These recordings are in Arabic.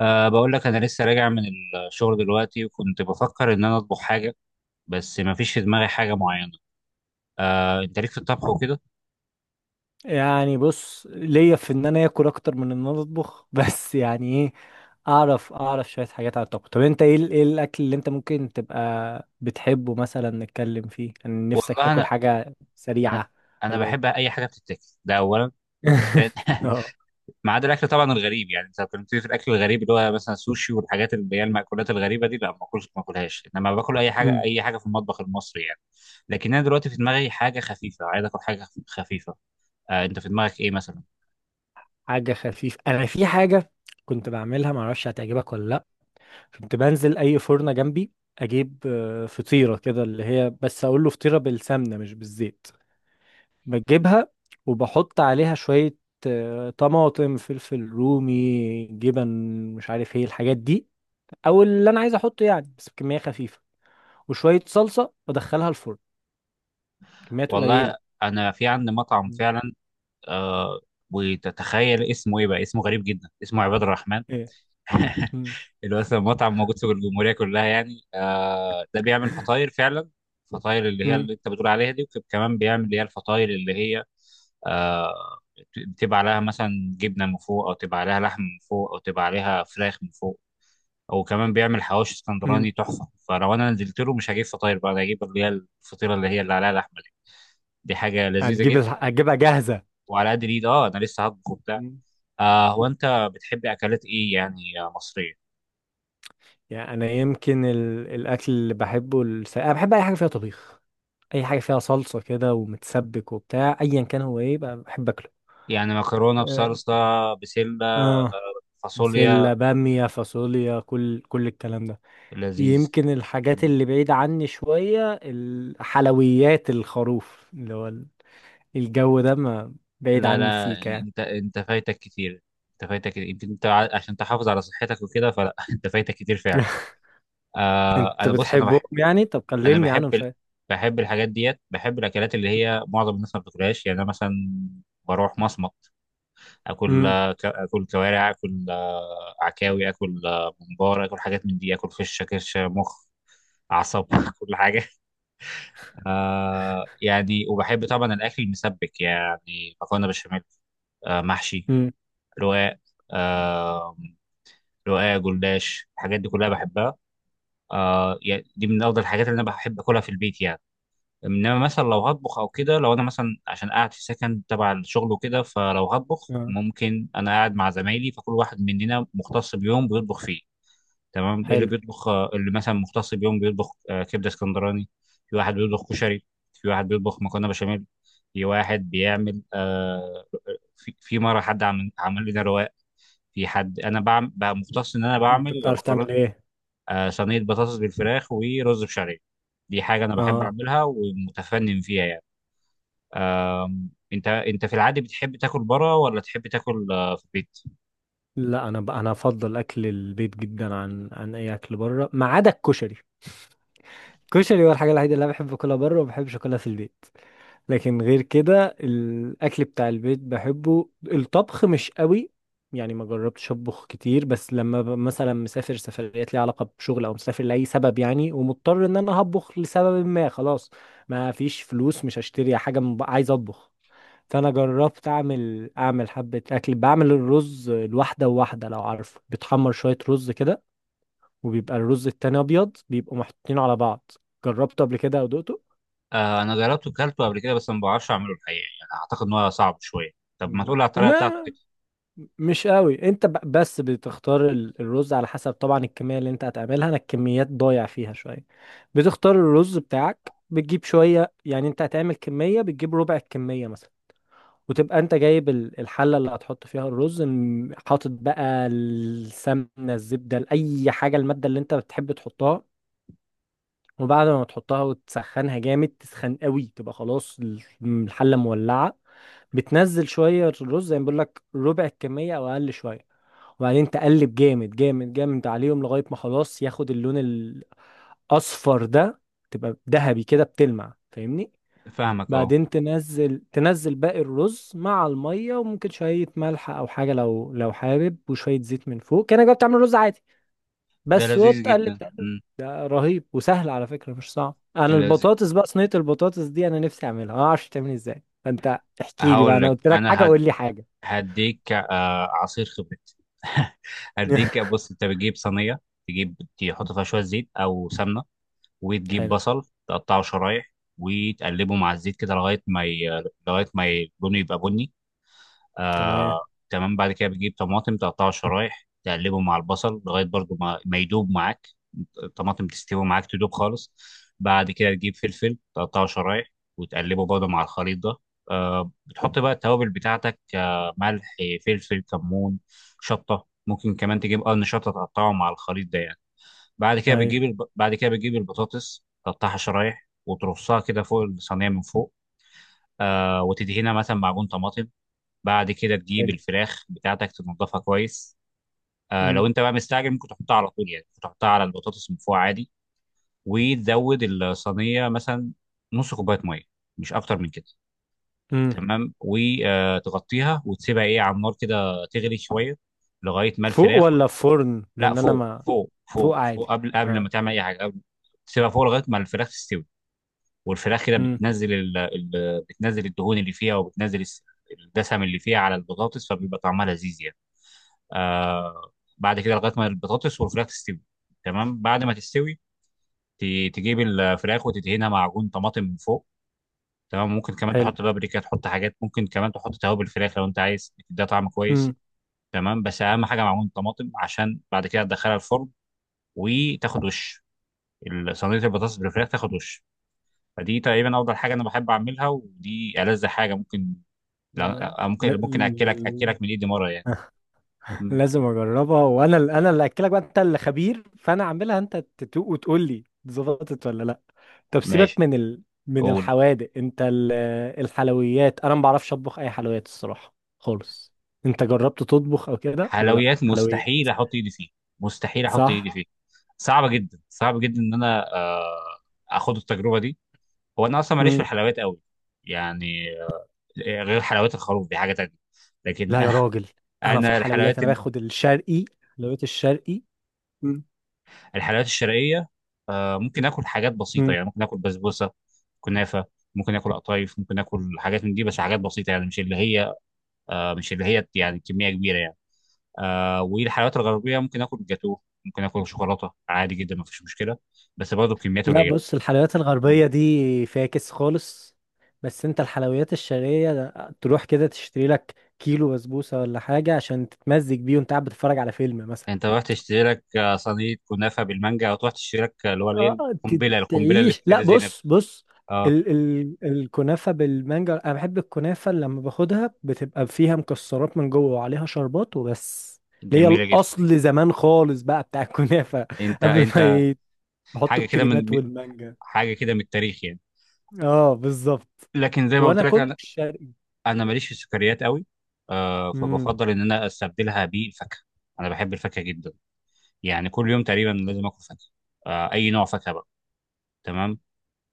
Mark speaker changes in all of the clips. Speaker 1: بقول لك أنا لسه راجع من الشغل دلوقتي، وكنت بفكر إن أنا أطبخ حاجة، بس ما فيش في دماغي حاجة معينة. أه أنت ليك في الطبخ وكده؟
Speaker 2: يعني بص ليا في ان انا اكل اكتر من ان انا اطبخ بس يعني ايه، اعرف شويه حاجات على الطبخ. طب انت ايه الاكل اللي انت ممكن تبقى بتحبه، مثلا نتكلم فيه؟ كان نفسك
Speaker 1: والله
Speaker 2: تاكل حاجه
Speaker 1: أنا
Speaker 2: سريعه
Speaker 1: أنا
Speaker 2: ولا ايه؟
Speaker 1: بحب أي حاجة بتتاكل، ده أولا.
Speaker 2: اه.
Speaker 1: ما عدا الأكل طبعا الغريب، يعني أنت كنت في الأكل الغريب اللي هو مثلا السوشي والحاجات اللي هي المأكولات الغريبة دي، لا ما باكلش ما باكلهاش، إنما باكل أي حاجة،
Speaker 2: أمم.
Speaker 1: أي حاجة في المطبخ المصري يعني. لكن أنا دلوقتي في دماغي حاجة خفيفة، عايز آكل حاجة خفيفة. أه أنت في دماغك إيه مثلا؟
Speaker 2: حاجه خفيفه، انا في حاجه كنت بعملها، معرفش هتعجبك ولا لا. كنت بنزل اي فرنه جنبي، اجيب فطيره كده، اللي هي بس اقول له فطيره بالسمنه مش بالزيت، بجيبها وبحط عليها شوية طماطم، فلفل رومي، جبن، مش عارف ايه الحاجات دي، او اللي انا عايز احطه يعني، بس بكمية خفيفة، وشوية صلصة وادخلها الفرن. كميات قليلة.
Speaker 1: والله أنا في عندي مطعم
Speaker 2: مم.
Speaker 1: فعلا. آه وتتخيل اسمه ايه؟ بقى اسمه غريب جدا، اسمه عباد الرحمن.
Speaker 2: ايه. مم.
Speaker 1: اللي هو اصلا مطعم موجود في الجمهوريه كلها يعني. ده بيعمل فطاير فعلا، الفطاير اللي هي
Speaker 2: مم.
Speaker 1: اللي انت بتقول عليها دي، وكمان بيعمل اللي هي الفطاير اللي هي آه بتبقى عليها مثلا جبنه من فوق، او تبقى عليها لحم من فوق، او تبقى عليها فراخ من فوق. وكمان بيعمل حواوشي
Speaker 2: مم.
Speaker 1: اسكندراني تحفه. فلو انا نزلت له مش هجيب فطاير، بقى انا هجيب اللي هي الفطيره اللي هي اللي عليها لحمه دي. دي حاجه لذيذه جدا.
Speaker 2: هتجيبها جاهزة؟
Speaker 1: وعلى قد الايد اه، انا لسه هطبخ وبتاع.
Speaker 2: مم.
Speaker 1: آه هو انت بتحب اكلات ايه يعني؟ مصريه
Speaker 2: يعني انا يمكن الاكل اللي بحبه، انا بحب اي حاجة فيها طبيخ، اي حاجة فيها صلصة كده ومتسبك وبتاع. ايا كان، هو ايه بقى بحب اكله؟
Speaker 1: يعني، مكرونه
Speaker 2: اه.
Speaker 1: بصلصه، بسله
Speaker 2: آه.
Speaker 1: فاصوليا
Speaker 2: بسلة، بامية، فاصوليا، كل الكلام ده.
Speaker 1: لذيذ.
Speaker 2: يمكن الحاجات
Speaker 1: مم.
Speaker 2: اللي بعيد عني شوية الحلويات، الخروف اللي هو ال- الجو ده ما بعيد
Speaker 1: لا
Speaker 2: عني
Speaker 1: لا،
Speaker 2: سيكا يعني.
Speaker 1: انت فايتك كتير. انت فايتك كتير. يمكن انت عشان تحافظ على صحتك وكده فلا. انت فايتك كتير فعلا. آه
Speaker 2: انت
Speaker 1: انا بص انا
Speaker 2: بتحبهم
Speaker 1: بحب،
Speaker 2: يعني؟ طب
Speaker 1: انا
Speaker 2: كلمني عنهم
Speaker 1: بحب
Speaker 2: شوية.
Speaker 1: بحب الحاجات ديت، بحب الاكلات اللي هي معظم الناس ما بتاكلهاش يعني. انا مثلا بروح مصمت، اكل
Speaker 2: امم.
Speaker 1: اكل كوارع، اكل عكاوي، اكل ممبار، اكل حاجات من دي، اكل فشه كرشه مخ اعصاب. كل حاجه. آه يعني، وبحب طبعا الاكل المسبك، يعني مكرونه بشاميل، آه محشي
Speaker 2: امم.
Speaker 1: رقاق، آه رقاق جلاش، الحاجات دي كلها بحبها. آه يعني دي من افضل الحاجات اللي انا بحب اكلها في البيت يعني. انما مثلا لو هطبخ او كده، لو انا مثلا عشان قاعد في سكن تبع الشغل وكده، فلو هطبخ
Speaker 2: اه.
Speaker 1: ممكن انا قاعد مع زمايلي، فكل واحد مننا مختص بيوم بيطبخ فيه. تمام، إيه اللي
Speaker 2: حلو.
Speaker 1: بيطبخ؟ اللي مثلا مختص بيوم بيطبخ كبده اسكندراني. في واحد بيطبخ كشري، في واحد بيطبخ مكرونه بشاميل، في واحد بيعمل في مره حد عمل لنا رواق. في حد انا بعمل بقى مختص ان انا بعمل
Speaker 2: انت بتعرف
Speaker 1: مكرونه،
Speaker 2: تعمل ايه؟
Speaker 1: صينيه بطاطس بالفراخ، ورز بشعريه. دي حاجه انا بحب
Speaker 2: اه.
Speaker 1: اعملها ومتفنن فيها يعني. انت في العادي بتحب تاكل بره ولا تحب تاكل في البيت؟
Speaker 2: لا، انا افضل اكل البيت جدا عن اي اكل بره ما عدا الكشري. الكشري هو الحاجة الوحيدة اللي انا بحب اكلها بره وما بحبش اكلها في البيت. لكن غير كده الاكل بتاع البيت بحبه. الطبخ مش قوي، يعني ما جربتش اطبخ كتير، بس لما مثلا مسافر سفريات ليها علاقه بشغل او مسافر لاي سبب يعني، ومضطر ان انا هطبخ لسبب ما، خلاص ما فيش فلوس، مش هشتري حاجه عايز اطبخ. فانا جربت اعمل حبه اكل، بعمل الرز الواحده وواحده، لو عارفه، بتحمر شويه رز كده وبيبقى الرز التاني ابيض، بيبقوا محطوطين على بعض. جربته قبل كده او دقته؟
Speaker 1: آه انا جربته وكلته قبل كده، بس ما بعرفش اعمله الحقيقه يعني، اعتقد ان هو صعب شويه. طب ما
Speaker 2: لا.
Speaker 1: تقول على الطريقه
Speaker 2: وما
Speaker 1: بتاعته كده.
Speaker 2: مش قوي. انت بس بتختار الرز على حسب طبعا الكميه اللي انت هتعملها، انا الكميات ضايع فيها شويه. بتختار الرز بتاعك، بتجيب شويه، يعني انت هتعمل كميه بتجيب ربع الكميه مثلا، وتبقى انت جايب الحله اللي هتحط فيها الرز حاطط بقى السمنه، الزبده، اي حاجه، الماده اللي انت بتحب تحطها. وبعد ما تحطها وتسخنها جامد، تسخن قوي، تبقى خلاص الحله مولعه، بتنزل شويه الرز زي ما بقول لك، ربع الكميه او اقل شويه، وبعدين تقلب جامد جامد جامد عليهم لغاية ما خلاص ياخد اللون الأصفر ده، تبقى ذهبي كده بتلمع. فاهمني؟
Speaker 1: فاهمك اه.
Speaker 2: بعدين تنزل باقي الرز مع المية، وممكن شوية ملح أو حاجة لو حابب، وشوية زيت من فوق، كأنك بقى بتعمل رز عادي
Speaker 1: ده
Speaker 2: بس،
Speaker 1: لذيذ جدا
Speaker 2: وتقلب تقلب.
Speaker 1: امم.
Speaker 2: ده رهيب وسهل على فكرة، مش صعب. أنا
Speaker 1: لذيذ.
Speaker 2: البطاطس بقى، صينية البطاطس دي أنا نفسي أعملها، أنا معرفش تعمل إيه إزاي، فأنت احكي لي بقى،
Speaker 1: هقول
Speaker 2: أنا
Speaker 1: لك
Speaker 2: قلت لك حاجة قول لي حاجة.
Speaker 1: هديك آه عصير خبرتي. هديك بص، انت بتجيب صينيه، تجيب تحط فيها شويه زيت او سمنه، وتجيب
Speaker 2: حلو.
Speaker 1: بصل تقطعه شرايح، وتقلبه مع الزيت كده لغايه ما ي... لغايه ما ي- لونه يبقى بني.
Speaker 2: تمام.
Speaker 1: آه تمام. بعد كده بتجيب طماطم تقطعها شرايح، تقلبه مع البصل لغايه برضو ما يدوب معاك الطماطم، تستوي معاك تدوب خالص. بعد كده تجيب فلفل تقطعه شرايح، وتقلبه برضو مع الخليط ده. آه بتحط بقى التوابل بتاعتك، آه ملح فلفل كمون شطه، ممكن كمان تجيب قرن شطه تقطعه مع الخليط ده يعني. بعد كده
Speaker 2: أيوه.
Speaker 1: بعد كده بتجيب البطاطس تقطعها شرايح وترصها كده فوق الصينيه من فوق. آه وتدهنها مثلا معجون طماطم. بعد كده تجيب
Speaker 2: حلو.
Speaker 1: الفراخ بتاعتك تنضفها كويس. آه لو انت بقى مستعجل ممكن تحطها على طول يعني، ممكن تحطها على البطاطس من فوق عادي. وتزود الصينيه مثلا نص كوبايه ميه، مش اكتر من كده.
Speaker 2: امم.
Speaker 1: تمام، وتغطيها وتسيبها ايه على النار كده تغلي شويه لغايه ما
Speaker 2: فوق
Speaker 1: الفراخ.
Speaker 2: ولا في فرن؟
Speaker 1: لا
Speaker 2: لان انا
Speaker 1: فوق
Speaker 2: ما...
Speaker 1: فوق
Speaker 2: فوق
Speaker 1: فوق فوق،
Speaker 2: عادي.
Speaker 1: قبل قبل
Speaker 2: اه.
Speaker 1: ما تعمل اي حاجه قبل. تسيبها فوق لغايه ما الفراخ تستوي. والفراخ كده
Speaker 2: امم.
Speaker 1: بتنزل بتنزل الدهون اللي فيها، وبتنزل الدسم اللي فيها على البطاطس، فبيبقى طعمها لذيذ يعني. آه بعد كده لغايه ما البطاطس والفراخ تستوي. تمام بعد ما تستوي، تجيب الفراخ وتدهنها معجون طماطم من فوق. تمام ممكن كمان
Speaker 2: حلو.
Speaker 1: تحط بابريكا، تحط حاجات، ممكن كمان تحط توابل الفراخ لو انت عايز، ده طعم كويس.
Speaker 2: امم.
Speaker 1: تمام بس اهم حاجه معجون طماطم، عشان بعد كده تدخلها الفرن، وتاخد وش صينيه البطاطس بالفراخ تاخد وش. فدي تقريبا افضل حاجه انا بحب اعملها، ودي ألذ حاجه ممكن.
Speaker 2: لا-
Speaker 1: ممكن ممكن اكلك
Speaker 2: لا-
Speaker 1: اكلك من ايدي مره يعني. مم.
Speaker 2: لازم اجربها، وانا انا اللي اكلك بقى، انت اللي خبير، فانا اعملها انت تدوق وتقول لي ظبطت ولا لا. طب سيبك
Speaker 1: ماشي.
Speaker 2: من من
Speaker 1: قول.
Speaker 2: الحوادق، انت الحلويات، انا ما بعرفش اطبخ اي حلويات الصراحه خالص. انت جربت تطبخ او كده لا
Speaker 1: حلويات
Speaker 2: حلويات؟
Speaker 1: مستحيل احط ايدي فيه، مستحيل احط ايدي
Speaker 2: صح.
Speaker 1: فيه. صعبه جدا، صعب جدا ان انا اخد التجربه دي. هو انا اصلا ماليش في
Speaker 2: امم.
Speaker 1: الحلويات قوي، يعني غير حلويات الخروف دي حاجه تانية. لكن
Speaker 2: لا يا
Speaker 1: انا
Speaker 2: راجل، انا في
Speaker 1: أنا
Speaker 2: الحلويات
Speaker 1: الحلويات
Speaker 2: انا باخد الشرقي، حلويات الشرقي.
Speaker 1: الحلويات الشرقيه، ممكن اكل حاجات بسيطه
Speaker 2: مم.
Speaker 1: يعني، ممكن اكل بسبوسه كنافه، ممكن اكل قطايف، ممكن اكل حاجات من دي بس حاجات بسيطه، يعني مش اللي هي مش اللي هي يعني كميه كبيره يعني. آه والحلويات الغربيه ممكن اكل جاتوه، ممكن اكل شوكولاته عادي جدا مفيش مشكله، بس برضه بكميات
Speaker 2: لا
Speaker 1: قليله.
Speaker 2: بص، الحلويات
Speaker 1: مم.
Speaker 2: الغربية دي فاكس خالص، بس انت الحلويات الشرقية تروح كده تشتري لك كيلو بسبوسة ولا حاجة عشان تتمزج بيه وانت قاعد بتتفرج على فيلم
Speaker 1: انت
Speaker 2: مثلا.
Speaker 1: تروح تشتري لك صينيه كنافه بالمانجا، او تروح تشتري لك اللي هو الايه،
Speaker 2: اه.
Speaker 1: القنبله القنبله اللي في
Speaker 2: تعيش.
Speaker 1: سيده
Speaker 2: لا
Speaker 1: زينب.
Speaker 2: بص بص،
Speaker 1: اه
Speaker 2: ال الكنافة بالمانجا، انا بحب الكنافة اللي لما باخدها بتبقى فيها مكسرات من جوه وعليها شربات وبس، اللي هي
Speaker 1: جميله جدا.
Speaker 2: الاصل زمان خالص بقى بتاع الكنافة
Speaker 1: انت
Speaker 2: قبل
Speaker 1: انت
Speaker 2: ما يحطوا
Speaker 1: حاجه كده
Speaker 2: الكريمات والمانجا.
Speaker 1: حاجه كده من التاريخ يعني.
Speaker 2: اه بالظبط.
Speaker 1: لكن زي ما قلت
Speaker 2: وانا
Speaker 1: لك
Speaker 2: كله
Speaker 1: انا،
Speaker 2: الشرقي.
Speaker 1: انا ماليش في السكريات قوي. آه
Speaker 2: امم.
Speaker 1: فبفضل ان انا استبدلها بالفاكهه، انا بحب الفاكهه جدا، يعني كل يوم تقريبا لازم اكل فاكهه. آه اي نوع فاكهه بقى. تمام.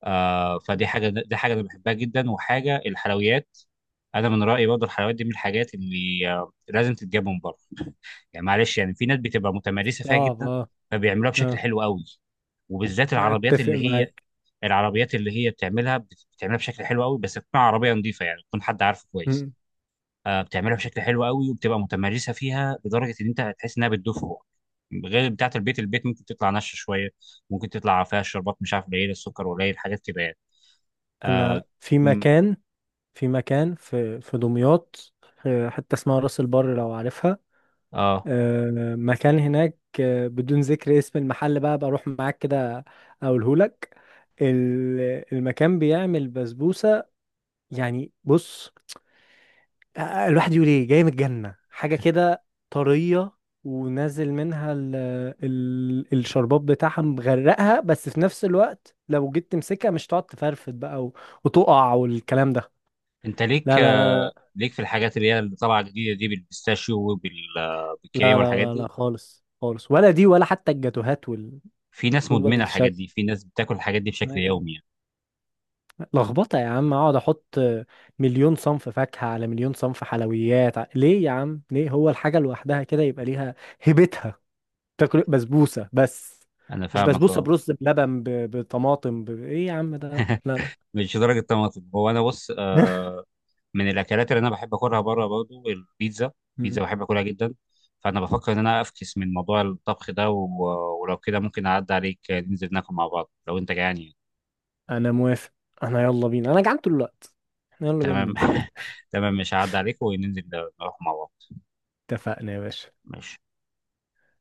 Speaker 1: آه فدي حاجه، دي حاجه انا بحبها جدا. وحاجه الحلويات، انا من رايي برضه الحلويات دي من الحاجات اللي آه لازم تتجاب من بره. يعني معلش، يعني في ناس بتبقى متمرسه فيها
Speaker 2: صعب
Speaker 1: جدا،
Speaker 2: اه.
Speaker 1: فبيعملوها بشكل
Speaker 2: اه.
Speaker 1: حلو قوي. وبالذات العربيات
Speaker 2: اتفق
Speaker 1: اللي هي،
Speaker 2: معاك.
Speaker 1: العربيات اللي هي بتعملها بتعملها بشكل حلو قوي، بس تكون عربيه نظيفه يعني، تكون حد عارفه كويس.
Speaker 2: مم.
Speaker 1: آه بتعملها بشكل حلو قوي، وبتبقى متمرسه فيها لدرجه ان انت هتحس انها بتدوب في بقك. غير بتاعه البيت، البيت ممكن تطلع ناشفه شويه، ممكن تطلع فيها الشربات مش عارف، قليل السكر قليل حاجات كده يعني. اه,
Speaker 2: انا في
Speaker 1: م-
Speaker 2: مكان، في دمياط، في حته اسمها راس البر لو عارفها،
Speaker 1: آه.
Speaker 2: مكان هناك بدون ذكر اسم المحل بقى، بروح معاك كده اقوله لك. المكان بيعمل بسبوسه، يعني بص، الواحد يقول ايه جاي من الجنة حاجة كده، طرية، ونازل منها ال الشرباب بتاعها مغرقها، بس في نفس الوقت لو جيت تمسكها مش تقعد تفرفد بقى وتقع والكلام ده.
Speaker 1: انت ليك
Speaker 2: لا لا
Speaker 1: آه
Speaker 2: لا
Speaker 1: ليك في الحاجات اللي هي اللي طالعه جديده دي بالبيستاشيو
Speaker 2: لا
Speaker 1: وبالكريمه
Speaker 2: لا
Speaker 1: والحاجات
Speaker 2: لا لا،
Speaker 1: دي؟
Speaker 2: خالص خالص، ولا دي ولا حتى الجاتوهات
Speaker 1: في ناس
Speaker 2: هو
Speaker 1: مدمنه الحاجات
Speaker 2: الشك،
Speaker 1: دي، في ناس بتاكل الحاجات دي
Speaker 2: لا
Speaker 1: بشكل
Speaker 2: يعني،
Speaker 1: يومي يعني.
Speaker 2: لخبطة يا عم. اقعد احط مليون صنف فاكهة على مليون صنف حلويات؟ ليه يا عم ليه؟ هو الحاجة لوحدها كده يبقى ليها هيبتها. تاكل بسبوسه بس،
Speaker 1: انا
Speaker 2: مش
Speaker 1: فاهمك
Speaker 2: بسبوسه
Speaker 1: اه.
Speaker 2: برز بلبن بطماطم ايه يا عم ده. لا لا
Speaker 1: مش درجه طماطم. هو انا بص
Speaker 2: لا.
Speaker 1: آه، من الاكلات اللي انا بحب اكلها بره برضو البيتزا، البيتزا
Speaker 2: مم.
Speaker 1: بحب اكلها جدا. فانا بفكر ان انا افكس من موضوع الطبخ ده ولو كده ممكن اعدي عليك ننزل ناكل مع بعض لو انت جعان يعني.
Speaker 2: انا موافق، انا يلا بينا، انا جعان طول الوقت. احنا يلا بينا
Speaker 1: تمام.
Speaker 2: ننزل.
Speaker 1: تمام مش هعدي عليك وننزل، نروح مع بعض.
Speaker 2: اتفقنا يا باشا.
Speaker 1: ماشي